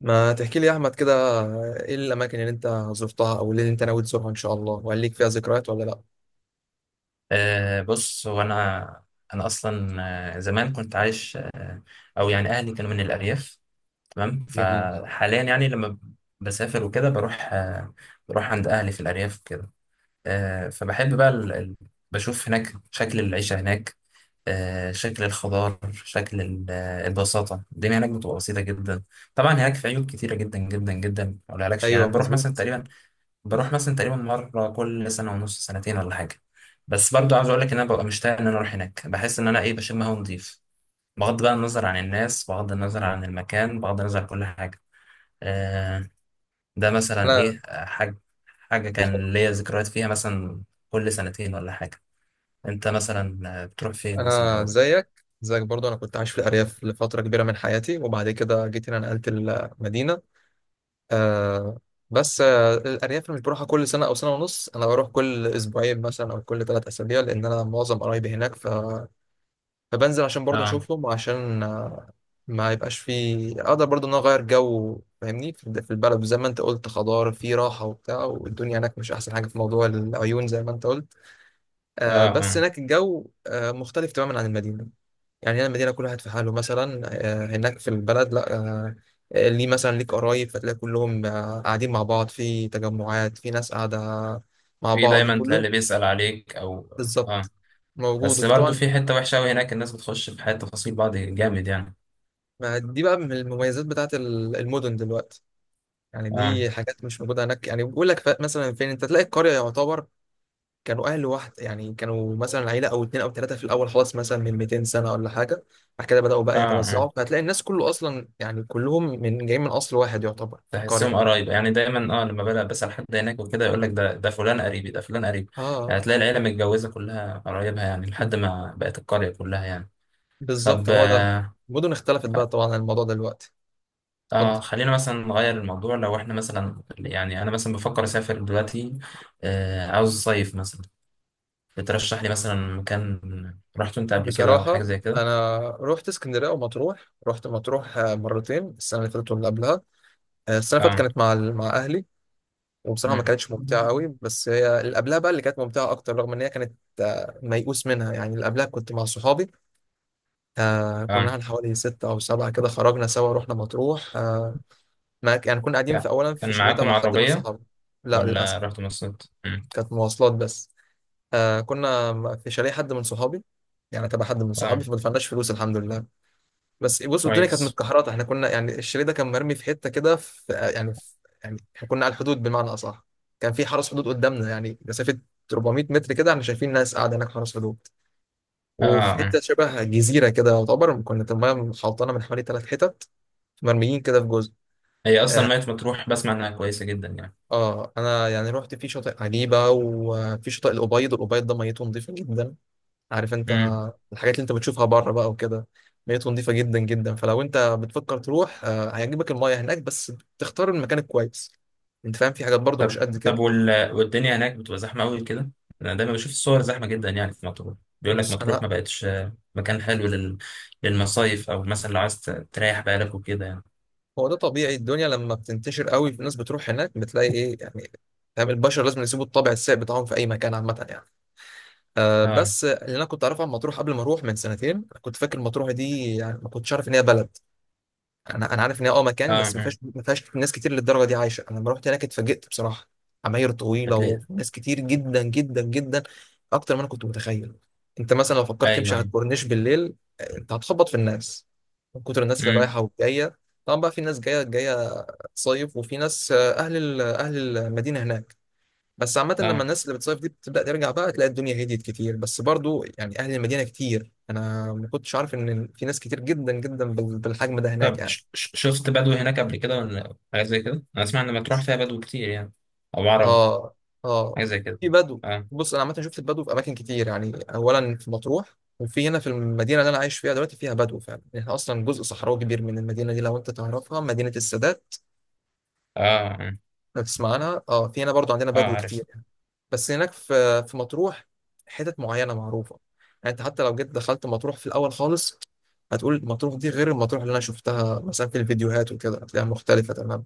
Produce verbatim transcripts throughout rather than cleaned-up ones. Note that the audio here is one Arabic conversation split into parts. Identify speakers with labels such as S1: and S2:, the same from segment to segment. S1: ما تحكي لي يا احمد كده، ايه الاماكن اللي انت زرتها او اللي انت ناوي تزورها ان شاء الله؟ وهل ليك فيها ذكريات ولا لا؟
S2: أه بص، هو انا انا اصلا، آه، زمان كنت عايش أه او يعني اهلي كانوا من الارياف. تمام،
S1: جميل.
S2: فحاليا يعني لما بسافر وكده بروح أه بروح عند اهلي في الارياف كده. أه فبحب بقى ال... ال- بشوف هناك شكل العيشه هناك. أه شكل الخضار، شكل ال- آه، البساطه، الدنيا هناك بتبقى بسيطه جدا. طبعا هناك في عيوب كتيره جدا جدا جدا ما اقولهالكش يعني.
S1: ايوه
S2: أنا بروح مثلا
S1: مظبوط.
S2: تقريبا، بروح مثلا تقريبا مرة كل سنة ونص، سنتين ولا حاجة. بس برضو عاوز اقول لك ان انا ببقى مشتاق ان انا اروح هناك، بحس ان انا ايه بشم هوا نضيف، بغض بقى النظر عن الناس، بغض النظر عن المكان، بغض النظر عن كل حاجة. آه ده مثلا
S1: انا
S2: ايه، آه، حاجة حاجة كان ليا ذكريات فيها مثلا كل سنتين ولا حاجة. انت مثلا آه، بتروح فين مثلا
S1: انا
S2: أو...
S1: زيك زيك برضو، انا كنت عايش في الارياف لفتره كبيره من حياتي وبعد كده جيت هنا نقلت المدينه. آه بس آه الارياف أنا مش بروحها كل سنه او سنه ونص، انا بروح كل اسبوعين مثلا او كل ثلاث اسابيع لان انا معظم قرايبي هناك. فبنزل عشان برضه
S2: اه،
S1: اشوفهم وعشان آه، ما يبقاش في، اقدر برضه ان انا اغير جو. فاهمني، في الد- في البلد زي ما انت قلت خضار في راحه وبتاع، والدنيا هناك مش احسن حاجه في موضوع العيون زي ما انت قلت.
S2: اه،
S1: آه بس
S2: آه.
S1: هناك الجو آه مختلف تماما عن المدينه. يعني هنا المدينه كل واحد في حاله، مثلا آه هناك في البلد لا، آه ليه مثلا ليك قرايب فتلاقي كلهم آه قاعدين مع بعض في تجمعات، في ناس قاعده مع
S2: في
S1: بعض
S2: دايما تلاقي
S1: وكلهم
S2: اللي بيسأل عليك او... اه،
S1: بالظبط موجود.
S2: بس برضو
S1: وطبعا
S2: في حتة وحشة أوي هناك، الناس بتخش في حياة تفاصيل بعض جامد يعني.
S1: ما دي بقى من المميزات بتاعت ال- المدن دلوقتي، يعني
S2: اه،
S1: دي حاجات مش موجودة هناك. يعني بيقول لك، ف- مثلا فين انت تلاقي القرية؟ يعتبر كانوا أهل واحد، يعني كانوا مثلا عيلة أو اتنين أو تلاتة في الأول خلاص، مثلا من مئتين سنة ولا حاجة. بعد كده بدأوا
S2: اه،
S1: بقى
S2: آه.
S1: يتوزعوا، فهتلاقي الناس كله أصلا يعني كلهم من جايين من أصل واحد يعتبر في القرية
S2: تحسهم
S1: دي.
S2: قرايب يعني، دايما اه لما بلاقي بسأل حد هناك وكده يقول لك ده ده فلان قريبي، ده فلان قريبي.
S1: اه،
S2: يعني هتلاقي العيلة متجوزة كلها قرايبها يعني، لحد ما بقت القرية كلها يعني. طب،
S1: بالظبط هو ده.
S2: آه
S1: المدن اختلفت بقى
S2: خ-
S1: طبعا عن الموضوع ده دلوقتي. اتفضل.
S2: آه، خلينا مثلا نغير الموضوع. لو احنا مثلا، يعني انا مثلا بفكر اسافر دلوقتي، آه عاوز اصيف مثلا. بترشح لي مثلا مكان رحت انت قبل كده او حاجة
S1: بصراحة
S2: زي كده؟
S1: أنا رحت اسكندرية ومطروح، رحت مطروح آه، مرتين، السنة اللي فاتت واللي قبلها. آه، السنة اللي فاتت
S2: اه.
S1: كانت مع ال- مع أهلي، وبصراحة ما
S2: مم.
S1: كانتش ممتعة قوي، بس هي اللي قبلها بقى اللي كانت ممتعة أكتر، رغم إن هي كانت آه، ميؤوس منها. يعني اللي قبلها كنت مع صحابي. آه، كنا
S2: اه،
S1: احنا حوالي ستة أو سبعة كده، خرجنا سوا رحنا مطروح. آه، ما ك- يعني كنا قاعدين في،
S2: كا-
S1: أولا في
S2: كان
S1: شاليه
S2: معاكم
S1: تبع حد من
S2: عربية
S1: صحابي. لا
S2: ولا
S1: للأسف،
S2: رحتوا مصيف؟ مم.
S1: كانت مواصلات بس. آه، كنا في شاليه حد من صحابي، يعني تبع حد من صحابي،
S2: اه،
S1: فما دفعناش فلوس الحمد لله. بس بص، الدنيا كانت
S2: كويس.
S1: متكهرطه، احنا كنا يعني الشاليه ده كان مرمي في حته كده، في يعني في يعني احنا كنا على الحدود بمعنى اصح، كان في حرس حدود قدامنا يعني مسافه أربعمئة متر كده، احنا شايفين ناس قاعده هناك حرس حدود.
S2: اه،
S1: وفي
S2: آه.
S1: حته شبه جزيره كده يعتبر، كنا المايه محوطانه من حوالي ثلاث حتت، مرميين كده في جزء.
S2: هي اصلا
S1: اه،
S2: ميت مطروح، بسمع انها كويسه جدا يعني.
S1: آه انا يعني رحت في شاطئ عجيبه وفي شاطئ الأبيض، الأبيض ده ميته نظيفه جدا. عارف انت
S2: امم.
S1: الحاجات اللي انت بتشوفها بره بقى وكده، ميته نظيفه جدا جدا. فلو انت بتفكر تروح آه، هيعجبك المايه هناك، بس تختار المكان الكويس. انت فاهم، في حاجات برضو مش قد
S2: طب،
S1: كده.
S2: وال... والدنيا هناك بتبقى زحمه قوي كده؟ انا دايما بشوف الصور زحمه جدا يعني في مطروح. بيقول لك
S1: بص
S2: مطروح ما
S1: انا
S2: بقتش آه، مكان حلو لل... للمصايف، او مثلا لو عايز ت- تريح بالك وكده يعني.
S1: هو ده طبيعي، الدنيا لما بتنتشر قوي، الناس بتروح هناك بتلاقي ايه يعني، فاهم؟ البشر لازم يسيبوا الطابع السيء بتاعهم في اي مكان عامه يعني. أه،
S2: اه،
S1: بس اللي انا كنت اعرفه عن مطروح قبل ما اروح من سنتين، كنت فاكر مطروح دي يعني ما كنتش عارف ان هي بلد. انا انا عارف ان هي اه
S2: اه،
S1: مكان، بس ما
S2: آه.
S1: فيهاش ما فيهاش ناس كتير للدرجه دي عايشه. انا لما رحت هناك اتفاجئت بصراحه، عماير طويله
S2: بتلاقي.
S1: وناس كتير جدا جدا جدا، اكتر ما انا كنت متخيل. انت مثلا لو فكرت تمشي
S2: ايوه،
S1: على
S2: ايوه.
S1: الكورنيش بالليل، آه، انت هتخبط في الناس من كتر الناس اللي
S2: امم.
S1: رايحه والجايه. طبعا بقى في ناس جايه جايه تصيف، وفي ناس آه، اهل ال- اهل المدينه هناك. بس عامه لما
S2: اه.
S1: الناس اللي بتصيف دي بتبدا ترجع بقى، تلاقي الدنيا هديت كتير. بس برضو يعني اهل المدينه كتير، انا ما كنتش عارف ان في ناس كتير جدا جدا بال- بالحجم ده هناك
S2: طب،
S1: يعني.
S2: ش... ش- شفت بدو هناك قبل كده ولا حاجه زي كده؟ انا اسمع ان مطروح فيها بدو كتير يعني، او عرب،
S1: اه اه،
S2: حاجه زي كده.
S1: في بدو.
S2: اه.
S1: بص انا عامه شفت البدو في اماكن كتير، يعني اولا في مطروح، وفي هنا في المدينه اللي انا عايش فيها دلوقتي فيها بدو فعلا. احنا اصلا جزء صحراوي كبير من المدينه دي، لو انت تعرفها مدينه السادات،
S2: اه. اه،
S1: لو تسمع عنها، اه في هنا برضو عندنا
S2: آه
S1: بدو
S2: عارف.
S1: كتير. بس هناك في في مطروح حتت معينه معروفه. يعني انت حتى لو جيت دخلت مطروح في الاول خالص، هتقول مطروح دي غير المطروح اللي انا شفتها مثلا في الفيديوهات وكده، هتلاقيها مختلفه تماما.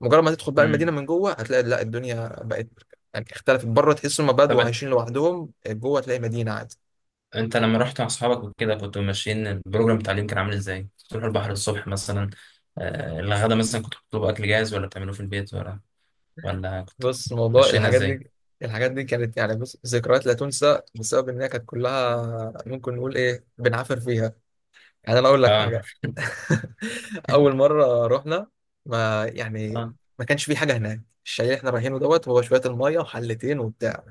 S1: مجرد ما تدخل بقى المدينه
S2: امم.
S1: من جوه، هتلاقي لا الدنيا بقت يعني اختلفت. بره تحس هم
S2: طب
S1: بدو عايشين لوحدهم، جوه تلاقي مدينه عادي.
S2: انت لما رحت مع اصحابك وكده، كنتوا ماشيين البروجرام التعليم كان عامل ازاي؟ تروحوا البحر الصبح مثلا، آه، الغدا مثلا كنتوا بتطلبوا اكل جاهز ولا بتعملوه في البيت، ولا ولا كنتوا
S1: بص، موضوع
S2: ماشيين
S1: الحاجات
S2: ازاي؟
S1: دي، الحاجات دي كانت يعني بص ذكريات لا تنسى بسبب ان هي كانت كلها ممكن نقول ايه، بنعافر فيها. يعني انا اقول لك
S2: اه.
S1: حاجه، اول مره رحنا، ما يعني
S2: اه.
S1: ما كانش في حاجه هناك. الشاليه اللي احنا رايحينه دوت، هو شويه الميه وحلتين وبتاع.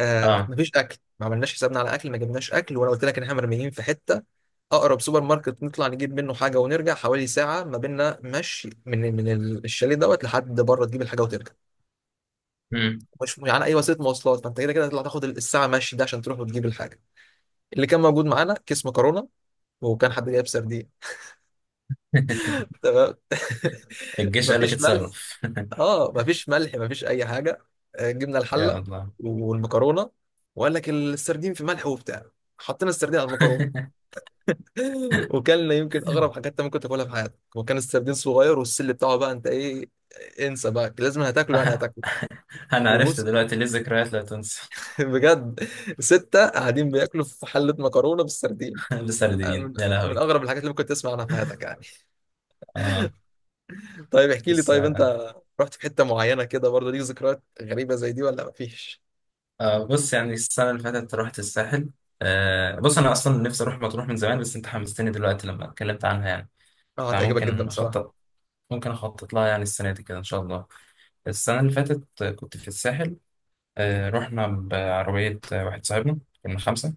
S1: آه،
S2: اه.
S1: مفيش اكل، ما عملناش حسابنا على اكل ما جبناش اكل، وانا قلت لك ان احنا مرميين في حته. اقرب سوبر ماركت نطلع نجيب منه حاجه ونرجع، حوالي ساعه ما بيننا مشي، من من الشاليه دوت لحد بره تجيب الحاجه وترجع.
S2: مم.
S1: مش يعني اي وسيله مواصلات، فانت كده كده هتطلع تاخد الساعه مشي ده عشان تروح وتجيب الحاجه. اللي كان موجود معانا كيس مكرونه، وكان حد جايب سردين. تمام.
S2: الجيش قال لك
S1: مفيش ملح.
S2: اتصرف.
S1: اه مفيش ملح، مفيش اي حاجه. آه، جبنا
S2: يا
S1: الحله
S2: الله.
S1: والمكرونه، وقال لك السردين في ملح وبتاع، حطينا السردين على المكرونه. وكلنا يمكن اغرب حاجات انت ممكن تاكلها في حياتك. وكان السردين صغير والسل بتاعه بقى، انت ايه، انسى بقى، لازم هتاكله يعني هتاكله.
S2: انا عرفت
S1: وبص،
S2: دلوقتي ليه ذكريات لا تنسى.
S1: بجد، ستة قاعدين بياكلوا في حلة مكرونة بالسردين،
S2: بسردين
S1: من
S2: يا
S1: من
S2: لهوي.
S1: أغرب الحاجات اللي ممكن تسمع عنها في حياتك يعني.
S2: اه
S1: طيب احكي لي،
S2: بص
S1: طيب انت رحت في حتة معينة كده برضه ليك ذكريات غريبة زي دي ولا مفيش؟
S2: آه بص، يعني السنه اللي فاتت رحت الساحل. آه بص، انا اصلا نفسي اروح مطروح من زمان، بس انت حمستني دلوقتي لما اتكلمت عنها يعني.
S1: اه هتعجبك جدا
S2: فممكن
S1: بصراحة.
S2: اخطط ممكن أخطط لها، يعني السنة دي كده إن شاء الله. السنة اللي فاتت آه، كنت في الساحل. آه، رحنا بعربية، آه، واحد صاحبنا، كنا خمسة.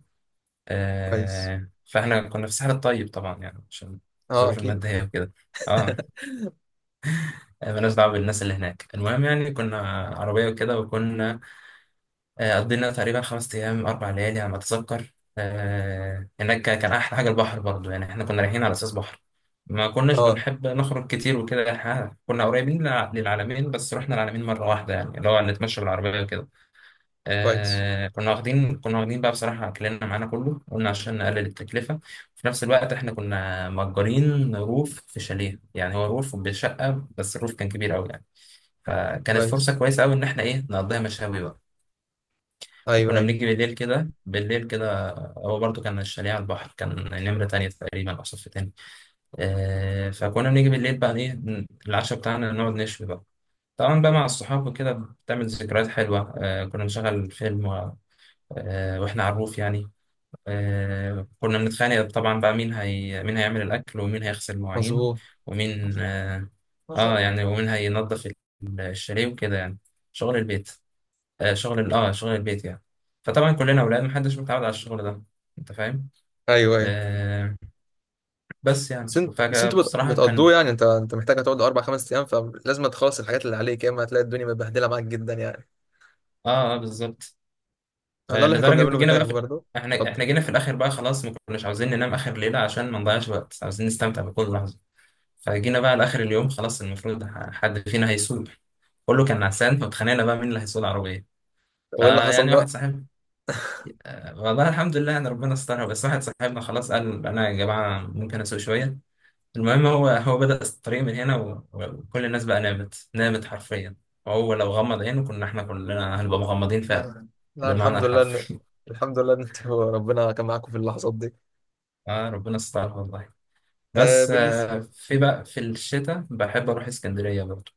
S1: كويس.
S2: آه، فإحنا كنا في الساحل الطيب طبعا، يعني عشان
S1: اه
S2: الظروف
S1: اكيد.
S2: المادية وكده. اه. آه، مالناش دعوة بالناس اللي هناك، المهم يعني كنا عربية وكده، وكنا آه، قضينا تقريبا خمس أيام، أربع ليالي على ما أتذكر. آه، هناك كا- كان أحلى حاجة البحر، برضو يعني إحنا كنا رايحين على أساس بحر. ما كناش
S1: اه.
S2: بنحب نخرج كتير وكده، إحنا كنا قريبين للع- للعلمين. بس رحنا العلمين مرة واحدة، يعني اللي هو نتمشى بالعربية وكده.
S1: كويس
S2: آه، كنا واخدين كنا واخدين بقى بصراحة أكلنا معانا كله، قلنا عشان نقلل التكلفة. في نفس الوقت إحنا كنا مأجرين روف في شاليه، يعني هو روف بشقة بس الروف كان كبير أوي يعني. فكانت
S1: كويس.
S2: فرصة كويسة أوي إن إحنا إيه نقضيها مشاوي بقى.
S1: ايوه
S2: كنا
S1: ايوه
S2: بنيجي بالليل كده، بالليل كده. هو برضو كان الشاليه على البحر، كان نمرة تانية تقريبا أو صف تاني. آه فكنا بنيجي بالليل بقى إيه ن- العشاء بتاعنا، نقعد نشوي بقى. طبعا بقى مع الصحاب وكده بتعمل ذكريات حلوة. آه كنا بنشغل فيلم و- آه وإحنا على الروف يعني. آه كنا بنتخانق طبعا بقى، مين هي مين هيعمل الأكل، ومين هيغسل المواعين،
S1: مظبوط.
S2: ومين آه, آه يعني ومين هينظف الشاليه وكده يعني. شغل البيت، آه، شغل ال- اه شغل البيت يعني. فطبعا كلنا اولاد محدش متعود على الشغل ده، انت فاهم.
S1: ايوه ايوه.
S2: آه بس
S1: بس
S2: يعني
S1: انت، بس
S2: فجأة
S1: انتوا بت-
S2: بصراحة
S1: بتقضوه
S2: كان.
S1: يعني، انت انت محتاج هتقعد اربع خمس ايام، فلازم تخلص الحاجات اللي عليك، يا اما هتلاقي الدنيا متبهدله معاك جدا يعني.
S2: اه، آه، بالظبط.
S1: ده
S2: آه
S1: اللي احنا كنا
S2: لدرجة
S1: بنعمله
S2: جينا
S1: هناك
S2: بقى في...
S1: برضه.
S2: احنا احنا
S1: اتفضل.
S2: جينا في الاخر بقى خلاص، ما كناش عاوزين ننام اخر ليلة عشان ما نضيعش وقت، عاوزين نستمتع بكل لحظة. فجينا بقى لاخر اليوم خلاص، المفروض ح- حد فينا هيسوق. كله كان نعسان، فاتخانقنا بقى مين اللي هيسوق العربية.
S1: وايه اللي حصل
S2: فيعني واحد
S1: بقى؟
S2: صاحب والله الحمد لله يعني ربنا استرها، بس واحد صاحبنا خلاص قال انا يا جماعة ممكن اسوق شوية. المهم هو هو بدأ الطريق من هنا و- وكل الناس بقى نامت، نامت حرفيا. وهو لو غمض عينه كنا احنا كلنا هنبقى مغمضين فعلا،
S1: لا لا،
S2: بالمعنى
S1: الحمد لله ان
S2: الحرفي.
S1: الحمد لله ان انتوا ربنا كان معاكم في اللحظات دي.
S2: اه، ربنا استر والله.
S1: آه
S2: بس،
S1: بالنسبه،
S2: آه، في بقى في الشتاء بحب اروح اسكندرية برضه.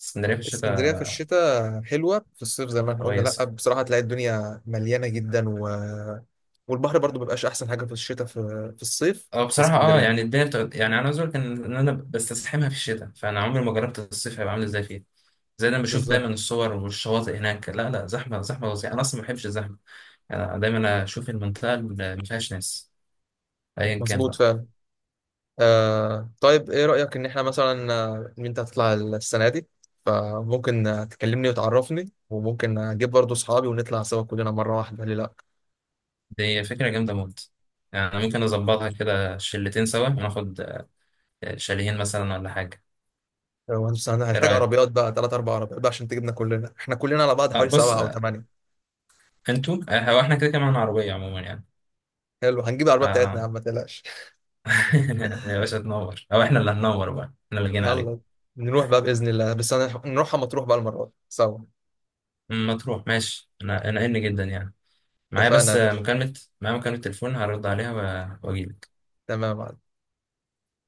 S2: اسكندرية في
S1: اسكندرية
S2: الشتاء
S1: في الشتاء حلوة، في الصيف زي ما احنا قلنا لأ
S2: كويس.
S1: بصراحة هتلاقي الدنيا مليانة جدا و... والبحر برضو مبيبقاش أحسن حاجة في الشتاء، في, في الصيف
S2: اه،
S1: في
S2: بصراحة، اه
S1: اسكندرية.
S2: يعني الدنيا بتبقى، يعني انا عاوز اقول لك ان إن انا بستزحمها في الشتاء، فانا عمري ما جربت الصيف هيبقى عامل ازاي فيه. زي ده، انا بشوف
S1: بالظبط.
S2: دايما الصور والشواطئ هناك لا لا، زحمه زحمه فظيعه، انا اصلا ما بحبش الزحمه. يعني دايما اشوف المنطقه اللي ما فيهاش ناس، ايا كان
S1: مظبوط
S2: بقى.
S1: فعلا. آه طيب إيه رأيك إن احنا مثلا، آه، إن أنت هتطلع السنة دي، فممكن آه، تكلمني وتعرفني، وممكن أجيب برضو أصحابي ونطلع سوا كلنا مرة واحدة، ليه لأ؟
S2: دي فكرة جامدة موت. يعني أنا ممكن نظبطها كده شلتين سوا، وناخد آه، شاليهين مثلا ولا حاجة.
S1: وهنس-
S2: ايه
S1: هنحتاج
S2: رأيك؟
S1: عربيات بقى، تلات أربع عربيات بقى عشان تجيبنا كلنا، احنا كلنا على بعض
S2: آه
S1: حوالي
S2: بص،
S1: سبعة أو
S2: آه،
S1: تمانية.
S2: انتوا، آه، هو احنا كده كمان عربية عموما يعني.
S1: حلو، هنجيب العربية بتاعتنا يا
S2: آه.
S1: عم ما تقلقش.
S2: يا باشا تنور، او احنا اللي هننور بقى، احنا اللي جينا عليك.
S1: يلا نروح بقى بإذن الله، بس أنا نروح مطروح بقى المرة دي سوا.
S2: أم، ما تروح ماشي، انا انا ان جدا يعني، معايا
S1: اتفقنا
S2: بس
S1: يا
S2: آه،
S1: باشا.
S2: مكالمة معايا مكالمة تليفون هرد عليها، و- واجيلك.
S1: تمام.